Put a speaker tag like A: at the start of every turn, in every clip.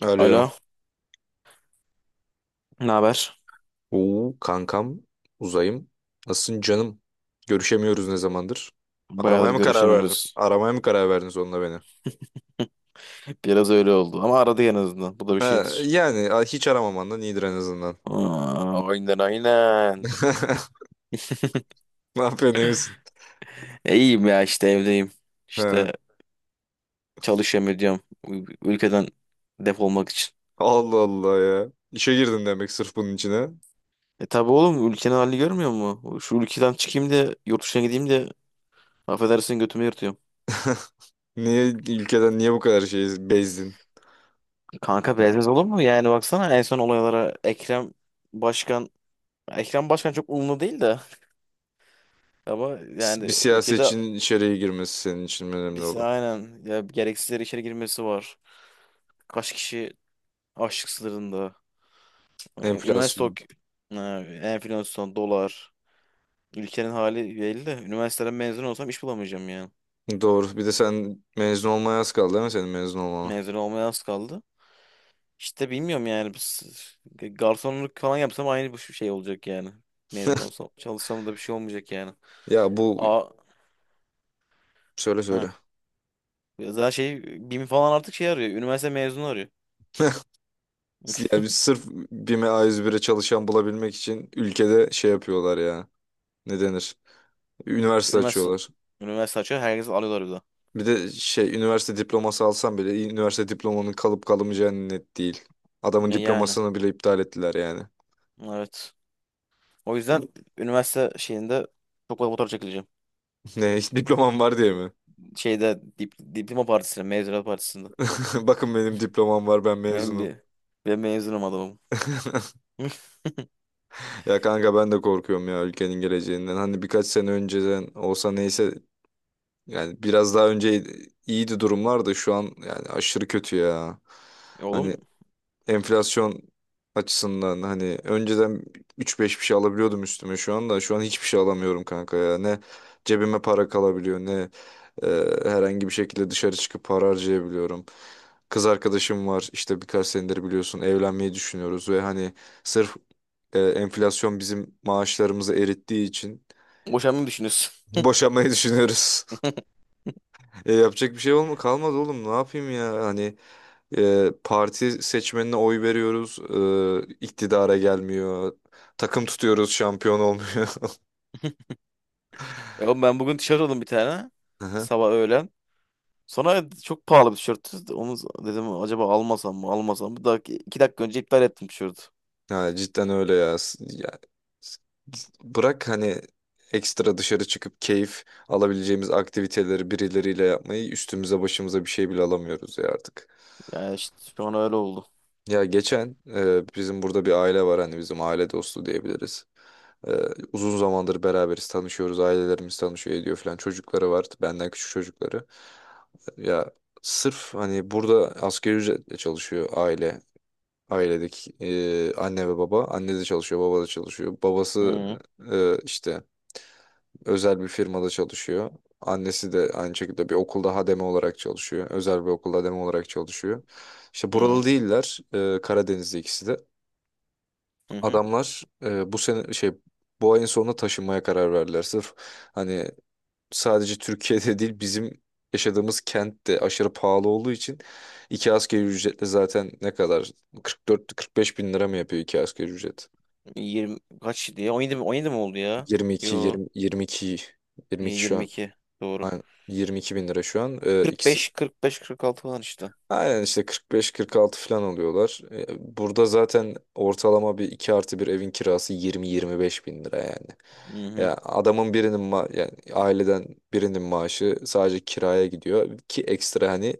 A: Alo.
B: Alo, ne haber?
A: Oo, kankam, uzayım. Nasılsın canım? Görüşemiyoruz ne zamandır?
B: Bayağıdır
A: Aramaya mı karar verdin?
B: görüşemiyoruz.
A: Aramaya mı karar verdin sonunda beni?
B: Biraz öyle oldu ama aradı en azından. Bu da bir
A: Ha,
B: şeydir.
A: yani hiç aramamandan iyidir en azından.
B: Aa, aynen aynen.
A: Ne yapıyorsun, iyi misin?
B: İyiyim ya işte evdeyim.
A: Ha,
B: İşte çalışıyorum ediyorum. Ülkeden defolmak için.
A: Allah Allah ya. İşe girdin demek sırf bunun içine.
B: E tabi oğlum ülkenin halini görmüyor mu? Şu ülkeden çıkayım da yurt dışına gideyim de affedersin götümü yırtıyorum.
A: Niye ülkeden niye bu kadar şey bezdin?
B: Kanka biraz olur mu? Yani baksana en son olaylara Başkan Ekrem Başkan çok umurlu değil de ama
A: Bir
B: yani ülkede.
A: siyasetçinin içeriye girmesi senin için önemli
B: Biz
A: olan.
B: aynen ya gereksiz yere içeri girmesi var. Kaç kişi açlık sınırında. Üniversite
A: Enflasyon.
B: ok ee, enflasyon, dolar. Ülkenin hali belli de üniversiteden mezun olsam iş bulamayacağım yani.
A: Doğru. Bir de sen mezun olmaya az kaldı değil mi, senin mezun olmana?
B: Mezun olmaya az kaldı. İşte bilmiyorum yani biz garsonluk falan yapsam aynı bu şey olacak yani. Mezun olsam çalışsam da bir şey olmayacak yani.
A: Ya bu,
B: A
A: söyle söyle.
B: ha. Zaten şey BİM falan artık şey arıyor. Üniversite mezunu arıyor.
A: Yani biz sırf BİM'e A101'e çalışan bulabilmek için ülkede şey yapıyorlar ya. Ne denir? Üniversite
B: Üniversite.
A: açıyorlar.
B: Üniversite açıyor. Herkes alıyorlar bir de.
A: Bir de şey üniversite diploması alsam bile üniversite diplomanın kalıp kalamayacağı net değil. Adamın
B: Ya yani.
A: diplomasını bile iptal ettiler yani.
B: Evet. O yüzden üniversite şeyinde çok fazla fotoğraf çekileceğim.
A: Ne, hiç diplomam var diye mi?
B: Diploma partisinde, mezuniyet partisinde.
A: Bakın benim diplomam var, ben
B: Ben
A: mezunum.
B: bir ben mezunum adamım.
A: Ya kanka, ben de korkuyorum ya ülkenin geleceğinden. Hani birkaç sene önceden olsa neyse, yani biraz daha önce iyiydi durumlar da şu an yani aşırı kötü ya.
B: Oğlum
A: Hani enflasyon açısından hani önceden üç beş bir şey alabiliyordum üstüme, şu anda şu an hiçbir şey alamıyorum kanka ya, ne cebime para kalabiliyor, ne e, herhangi bir şekilde dışarı çıkıp para harcayabiliyorum. Kız arkadaşım var, işte birkaç senedir biliyorsun, evlenmeyi düşünüyoruz ve hani sırf enflasyon bizim maaşlarımızı erittiği için
B: boşanmayı düşünüyorsun.
A: boşanmayı düşünüyoruz. Yapacak bir şey olma kalmadı oğlum, ne yapayım ya hani, parti seçmenine oy veriyoruz. İktidara gelmiyor. Takım tutuyoruz, şampiyon olmuyor.
B: Oğlum ben bugün tişört aldım bir tane.
A: Aha.
B: Sabah öğlen. Sonra çok pahalı bir tişörttü. Onu dedim acaba almasam mı almasam mı? Daha 2 dakika önce iptal ettim tişörtü.
A: Ha, cidden öyle ya. Ya. s- Bırak hani ekstra dışarı çıkıp keyif alabileceğimiz aktiviteleri birileriyle yapmayı, üstümüze başımıza bir şey bile alamıyoruz ya artık.
B: Yani işte şu an öyle oldu.
A: Ya geçen bizim burada bir aile var, hani bizim aile dostu diyebiliriz. Ee, Uzun zamandır beraberiz, tanışıyoruz, ailelerimiz tanışıyor ediyor falan. Çocukları var, benden küçük çocukları. Ya sırf hani burada asgari ücretle çalışıyor aile. Ailedeki anne ve baba. Anne de çalışıyor, baba da çalışıyor. Babası
B: Hı
A: işte özel bir firmada çalışıyor. Annesi de aynı şekilde bir okulda hademe olarak çalışıyor. Özel bir okulda hademe olarak çalışıyor. İşte buralı
B: hı
A: değiller. Karadenizli ikisi de.
B: hı. Hı.
A: Adamlar bu sene şey bu ayın sonunda taşınmaya karar verdiler. Sırf hani sadece Türkiye'de değil, bizim yaşadığımız kent de aşırı pahalı olduğu için iki asgari ücretle zaten ne kadar, 44-45 bin lira mı yapıyor iki asgari ücret?
B: 20 kaç diye? 17 mi? 17 mi oldu ya?
A: 22
B: Yo,
A: 20, 22 22 şu an,
B: 22 doğru.
A: aynen, 22 bin lira şu an.
B: Kırk, kırk
A: İkisi
B: beş, kırk beş, kırk altı falan işte.
A: Aynen, işte 45-46 falan alıyorlar. Burada zaten ortalama bir 2 artı bir evin kirası 20-25 bin lira yani.
B: Hı hı.
A: Ya adamın birinin yani aileden birinin maaşı sadece kiraya gidiyor, ki ekstra hani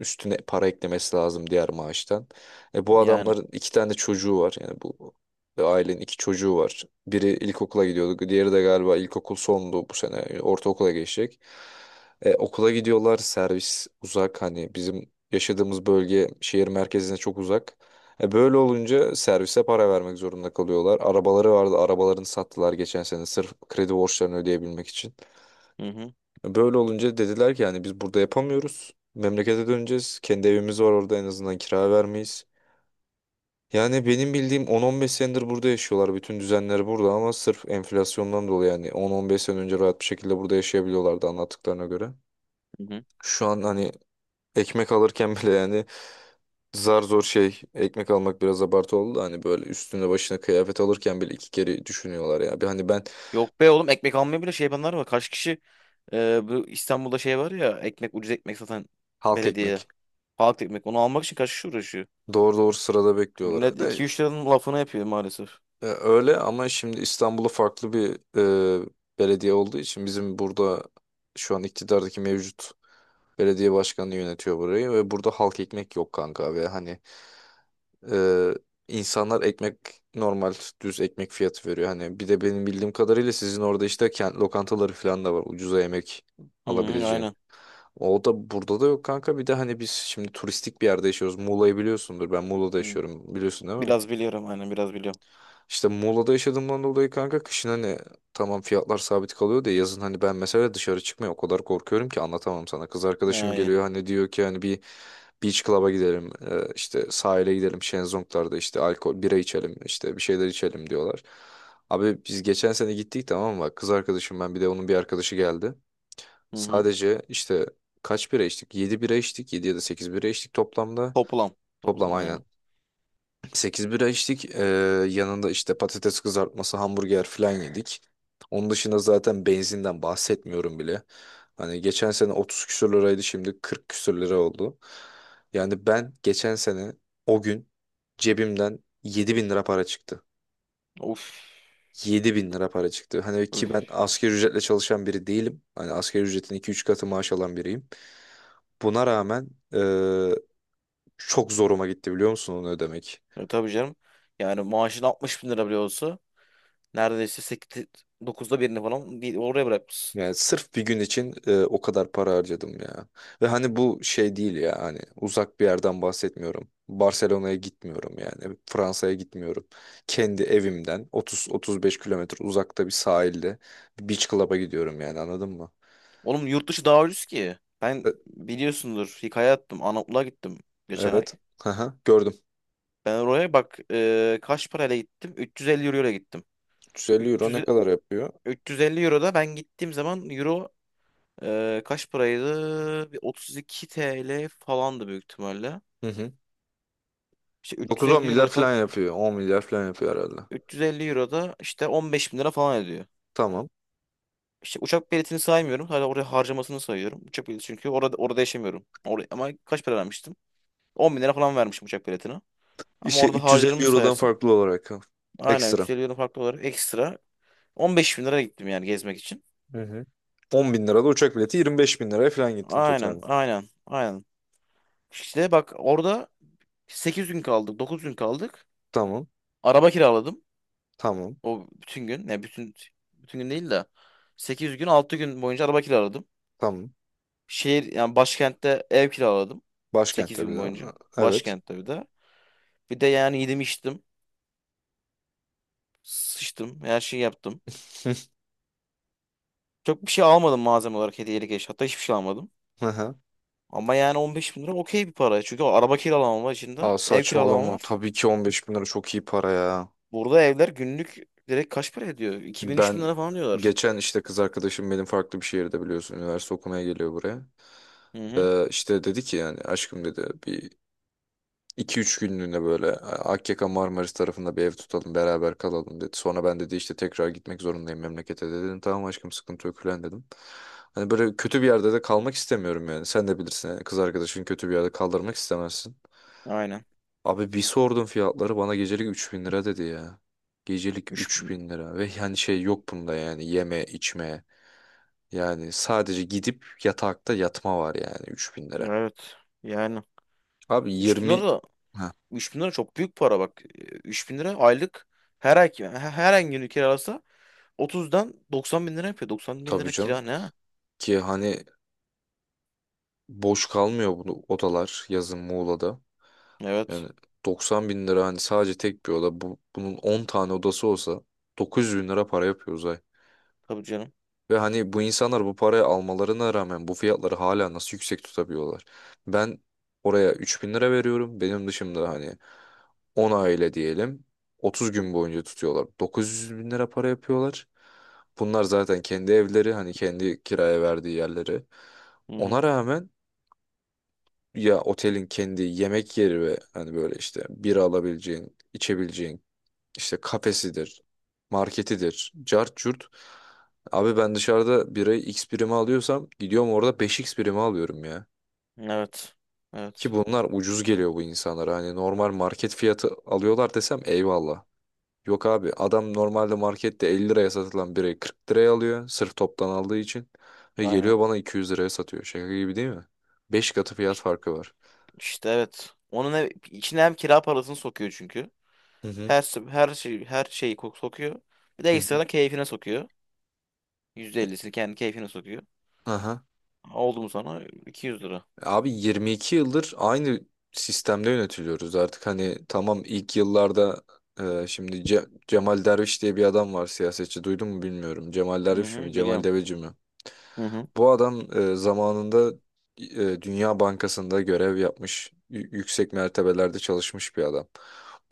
A: üstüne para eklemesi lazım diğer maaştan. E bu
B: Yani.
A: adamların iki tane çocuğu var, yani bu ailenin iki çocuğu var. Biri ilkokula gidiyordu, diğeri de galiba ilkokul sondu, bu sene ortaokula geçecek. Okula gidiyorlar, servis uzak, hani bizim yaşadığımız bölge şehir merkezine çok uzak. E böyle olunca servise para vermek zorunda kalıyorlar. Arabaları vardı, arabalarını sattılar geçen sene sırf kredi borçlarını ödeyebilmek için.
B: Hı hı.
A: E böyle olunca dediler ki yani biz burada yapamıyoruz. Memlekete döneceğiz. Kendi evimiz var orada, en azından kira vermeyiz. Yani benim bildiğim 10-15 senedir burada yaşıyorlar. Bütün düzenleri burada, ama sırf enflasyondan dolayı yani 10-15 sene önce rahat bir şekilde burada yaşayabiliyorlardı anlattıklarına göre.
B: Hı hı.
A: Şu an hani ekmek alırken bile yani, zar zor şey ekmek almak biraz abartı oldu da, hani böyle üstüne başına kıyafet alırken bile iki kere düşünüyorlar ya. Bir hani ben
B: Yok be oğlum ekmek almaya bile şey yapanlar var. Kaç kişi bu İstanbul'da şey var ya ekmek ucuz ekmek satan
A: halk
B: belediye.
A: ekmek,
B: Halk ekmek onu almak için kaç kişi uğraşıyor.
A: doğru doğru sırada bekliyorlar.
B: Millet
A: De,
B: 2-3 liranın lafını yapıyor maalesef.
A: öyle ama şimdi İstanbul'da farklı bir e, belediye olduğu için, bizim burada şu an iktidardaki mevcut belediye başkanı yönetiyor burayı ve burada halk ekmek yok kanka ve hani, Ee, insanlar ekmek normal düz ekmek fiyatı veriyor. Hani bir de benim bildiğim kadarıyla sizin orada işte kent lokantaları falan da var, ucuza yemek
B: Hı hı,
A: alabileceğin.
B: aynen.
A: O da burada da yok kanka. Bir de hani biz şimdi turistik bir yerde yaşıyoruz. Muğla'yı biliyorsundur. Ben Muğla'da
B: Hı.
A: yaşıyorum. Biliyorsun değil mi?
B: Biraz biliyorum aynen biraz biliyorum.
A: İşte Muğla'da yaşadığımdan dolayı kanka kışın hani tamam fiyatlar sabit kalıyor da, yazın hani ben mesela dışarı çıkmaya o kadar korkuyorum ki anlatamam sana. Kız arkadaşım
B: Ha, iyi.
A: geliyor, hani diyor ki hani bir beach club'a gidelim, işte sahile gidelim, şezlonglarda işte alkol bira içelim, işte bir şeyler içelim diyorlar. Abi biz geçen sene gittik tamam mı? Kız arkadaşım, ben, bir de onun bir arkadaşı geldi.
B: Hı hı.
A: Sadece işte kaç bira içtik? 7 bira içtik, 7 ya da 8 bira içtik toplamda.
B: Toplam.
A: Toplam
B: Toplam
A: aynen.
B: aynen.
A: 8 bira içtik. Yanında işte patates kızartması, hamburger falan yedik. Onun dışında zaten benzinden bahsetmiyorum bile. Hani geçen sene 30 küsür liraydı, şimdi 40 küsür lira oldu. Yani ben geçen sene o gün cebimden 7 bin lira para çıktı.
B: Of.
A: 7 bin lira para çıktı. Hani
B: Of.
A: ki ben asgari ücretle çalışan biri değilim. Hani asgari ücretin 2-3 katı maaş alan biriyim. Buna rağmen çok zoruma gitti biliyor musun onu ödemek?
B: Tabii canım. Yani maaşın 60 bin lira bile olsa neredeyse 8, dokuzda birini falan oraya bırakmışsın.
A: Yani sırf bir gün için o kadar para harcadım ya. Ve hani bu şey değil ya, hani uzak bir yerden bahsetmiyorum. Barcelona'ya gitmiyorum yani. Fransa'ya gitmiyorum. Kendi evimden 30-35 kilometre uzakta bir sahilde bir beach club'a gidiyorum yani, anladın mı?
B: Oğlum yurt dışı daha ucuz ki. Ben
A: E,
B: biliyorsundur hikaye attım. Anadolu'ya gittim geçen ay.
A: evet. Aha, gördüm.
B: Ben oraya bak kaç parayla gittim? 350 euro ile gittim.
A: 350 euro ne
B: 300,
A: kadar yapıyor?
B: 350 euro da ben gittiğim zaman euro kaç paraydı? Bir 32 TL falandı büyük ihtimalle.
A: Hı hı.
B: İşte 350
A: 9-10
B: euro
A: milyar
B: da ka-
A: falan yapıyor. 10 milyar falan yapıyor herhalde.
B: 350 euro da işte 15 bin lira falan ediyor.
A: Tamam.
B: İşte uçak biletini saymıyorum. Hala oraya harcamasını sayıyorum. Uçak bileti çünkü orada yaşamıyorum. Oraya, ama kaç para vermiştim? 10 bin lira falan vermişim uçak biletine. Ama
A: İşte
B: orada
A: 350
B: harcadığımı
A: eurodan
B: sayarsın.
A: farklı olarak ha.
B: Aynen
A: Ekstra.
B: 350 euro farklı olarak ekstra. 15 bin lira gittim yani gezmek için.
A: Hı hı. 10 bin lirada uçak bileti 25 bin liraya falan gittin
B: Aynen
A: totalde.
B: aynen aynen. İşte bak orada 8 gün kaldık 9 gün kaldık.
A: Tamam.
B: Araba kiraladım.
A: Tamam.
B: O bütün gün. Ne bütün gün değil de 8 gün 6 gün boyunca araba kiraladım.
A: Tamam.
B: Şehir yani başkentte ev kiraladım. Sekiz
A: Başkentte bir
B: gün boyunca.
A: daha. Evet.
B: Başkentte bir de. Bir de yani yedim içtim. Sıçtım. Her şeyi yaptım. Çok bir şey almadım malzeme olarak hediyelik eşya. Hatta hiçbir şey almadım.
A: Aha.
B: Ama yani 15 bin lira okey bir para. Çünkü araba kiralamam var içinde.
A: Aa,
B: Ev kiralamam
A: saçmalama.
B: var.
A: Tabii ki 15 bin lira çok iyi para ya.
B: Burada evler günlük direkt kaç para ediyor? 2000 bin
A: Ben
B: lira falan diyorlar.
A: geçen işte kız arkadaşım benim farklı bir şehirde biliyorsun. Üniversite okumaya geliyor buraya.
B: Hı hı.
A: İşte dedi ki yani aşkım dedi, bir 2 üç günlüğüne böyle Akyaka Marmaris tarafında bir ev tutalım beraber kalalım dedi. Sonra, ben dedi, işte tekrar gitmek zorundayım memlekete dedi. Dedim tamam aşkım, sıkıntı yok falan dedim. Hani böyle kötü bir yerde de kalmak istemiyorum yani. Sen de bilirsin yani kız arkadaşın kötü bir yerde kaldırmak istemezsin.
B: Aynen.
A: Abi bir sordum fiyatları, bana gecelik 3 bin lira dedi ya. Gecelik üç
B: 3000.
A: bin lira ve yani şey yok bunda yani yeme içme. Yani sadece gidip yatakta yatma var yani 3 bin lira.
B: Evet. Yani
A: Abi
B: üç bin
A: 20
B: lira da
A: ha
B: 3000 lira çok büyük para bak. Üç bin lira aylık her ay günü kiralasa 30'dan 90 bin lira yapıyor. 90 bin
A: tabii
B: lira kira
A: canım
B: ne?
A: ki hani boş kalmıyor bu odalar yazın Muğla'da.
B: Evet.
A: Yani 90 bin lira hani sadece tek bir oda. Bu, bunun 10 tane odası olsa 900 bin lira para yapıyor Uzay.
B: Tabii canım.
A: Ve hani bu insanlar bu parayı almalarına rağmen bu fiyatları hala nasıl yüksek tutabiliyorlar? Ben oraya 3 bin lira veriyorum. Benim dışımda hani 10 aile diyelim 30 gün boyunca tutuyorlar, 900 bin lira para yapıyorlar. Bunlar zaten kendi evleri, hani kendi kiraya verdiği yerleri.
B: Hı
A: Ona
B: hı.
A: rağmen ya otelin kendi yemek yeri ve hani böyle işte bira alabileceğin, içebileceğin işte kafesidir, marketidir, cart curt. Abi ben dışarıda birayı X birime alıyorsam, gidiyorum orada beş x birime alıyorum ya.
B: Evet.
A: Ki
B: Evet.
A: bunlar ucuz geliyor bu insanlara. Hani normal market fiyatı alıyorlar desem eyvallah. Yok abi, adam normalde markette 50 liraya satılan birayı 40 liraya alıyor. Sırf toptan aldığı için. Ve
B: Aynen.
A: geliyor bana 200 liraya satıyor. Şaka gibi değil mi? 5 katı fiyat farkı var.
B: İşte evet. Onun içine hem kira parasını sokuyor çünkü.
A: Hı hı.
B: Her şeyi sokuyor. Bir de
A: Hı hı.
B: ekstradan keyfine sokuyor. %50'sini kendi keyfine sokuyor.
A: Aha.
B: Oldu mu sana 200 lira.
A: Abi 22 yıldır aynı sistemde yönetiliyoruz artık hani, tamam ilk yıllarda şimdi Cemal Derviş diye bir adam var, siyasetçi, duydun mu bilmiyorum. Cemal
B: Hı
A: Derviş mi
B: hı,
A: Cemal
B: biliyorum.
A: Deveci mi?
B: Hı hı.
A: Bu adam zamanında Dünya Bankası'nda görev yapmış, yüksek mertebelerde çalışmış bir adam.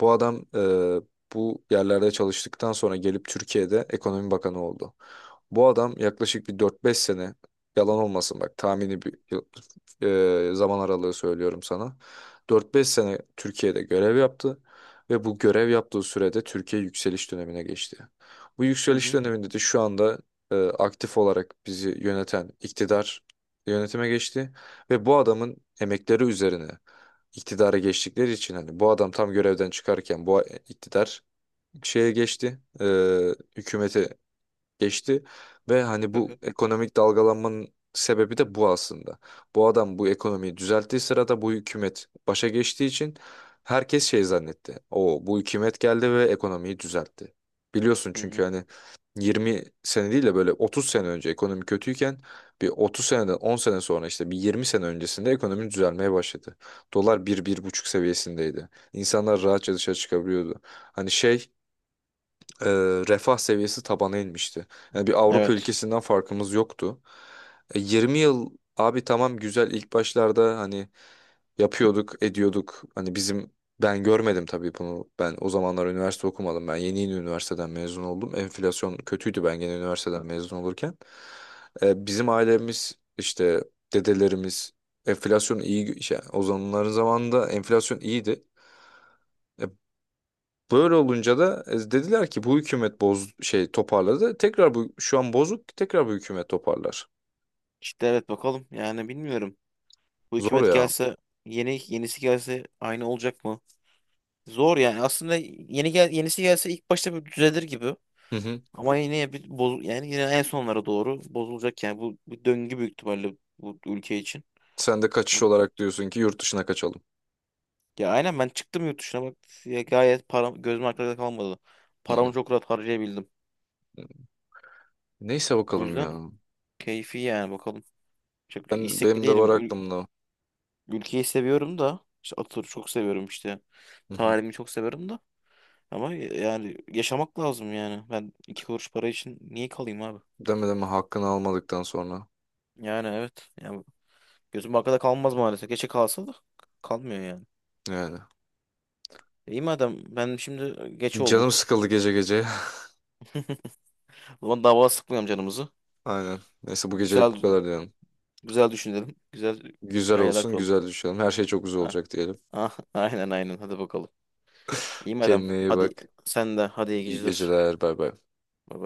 A: Bu adam bu yerlerde çalıştıktan sonra gelip Türkiye'de Ekonomi Bakanı oldu. Bu adam yaklaşık bir 4-5 sene, yalan olmasın bak, tahmini bir zaman aralığı söylüyorum sana. 4-5 sene Türkiye'de görev yaptı ve bu görev yaptığı sürede Türkiye yükseliş dönemine geçti. Bu
B: Hı
A: yükseliş
B: hı.
A: döneminde de şu anda aktif olarak bizi yöneten iktidar yönetime geçti ve bu adamın emekleri üzerine iktidara geçtikleri için hani bu adam tam görevden çıkarken bu iktidar şeye geçti, hükümete geçti ve hani
B: Hı
A: bu
B: hı.
A: ekonomik dalgalanmanın sebebi de bu aslında. Bu adam bu ekonomiyi düzelttiği sırada bu hükümet başa geçtiği için herkes şey zannetti. O, bu hükümet geldi ve ekonomiyi düzeltti. Biliyorsun
B: Hı
A: çünkü
B: hı.
A: hani 20 sene değil de böyle 30 sene önce ekonomi kötüyken, bir 30 seneden 10 sene sonra işte bir 20 sene öncesinde ekonomi düzelmeye başladı. Dolar bir bir buçuk seviyesindeydi. İnsanlar rahatça dışarı çıkabiliyordu. Hani şey e, refah seviyesi tabana inmişti. Yani bir Avrupa
B: Evet.
A: ülkesinden farkımız yoktu. 20 yıl abi, tamam güzel, ilk başlarda hani yapıyorduk, ediyorduk. Hani bizim, ben görmedim tabii bunu. Ben o zamanlar üniversite okumadım. Ben yeni yeni üniversiteden mezun oldum. Enflasyon kötüydü, ben gene üniversiteden mezun olurken. Bizim ailemiz işte dedelerimiz enflasyon iyi şey, o zamanların zamanında enflasyon iyiydi. E, Böyle olunca da dediler ki bu hükümet boz şey toparladı. Tekrar bu şu an bozuk, tekrar bu hükümet toparlar.
B: İşte evet bakalım. Yani bilmiyorum. Bu
A: Zor
B: hükümet
A: ya.
B: gelse yenisi gelse aynı olacak mı? Zor yani. Aslında yenisi gelse ilk başta bir düzelir gibi.
A: Hı hı.
B: Ama yine bir boz yani yine en sonlara doğru bozulacak yani bu döngü büyük ihtimalle bu ülke için.
A: Sen de kaçış olarak diyorsun ki yurt dışına kaçalım.
B: Ya aynen ben çıktım yurt dışına bak ya gayet param gözüm arkada kalmadı.
A: Hı hı.
B: Paramı çok rahat harcayabildim.
A: Neyse
B: O
A: bakalım
B: yüzden
A: ya.
B: keyfi yani bakalım. Çok
A: Ben,
B: istekli
A: benim de var
B: değilim. Ül-
A: aklımda.
B: ülkeyi seviyorum da işte Atatürk'ü çok seviyorum işte.
A: Hı hı.
B: Tarihimi çok seviyorum da. Ama yani yaşamak lazım yani. Ben iki kuruş para için niye kalayım abi?
A: Deme, deme hakkını almadıktan sonra.
B: Yani evet. Yani gözüm arkada kalmaz maalesef. Geçe kalsa da kalmıyor yani.
A: Yani.
B: İyi madem ben şimdi geç
A: Canım
B: oldu.
A: sıkıldı gece gece.
B: O zaman daha fazla sıkmayalım canımızı.
A: Aynen. Neyse bu gecelik bu
B: Güzel
A: kadar diyelim.
B: güzel düşünelim. Güzel
A: Güzel
B: hayaller
A: olsun,
B: kuralım.
A: güzel düşelim. Her şey çok güzel
B: Ah,
A: olacak diyelim.
B: ah, aynen aynen hadi bakalım. İyi madem.
A: Kendine iyi
B: Hadi
A: bak.
B: sen de hadi iyi
A: İyi
B: geceler.
A: geceler. Bay bay.
B: Bay bay.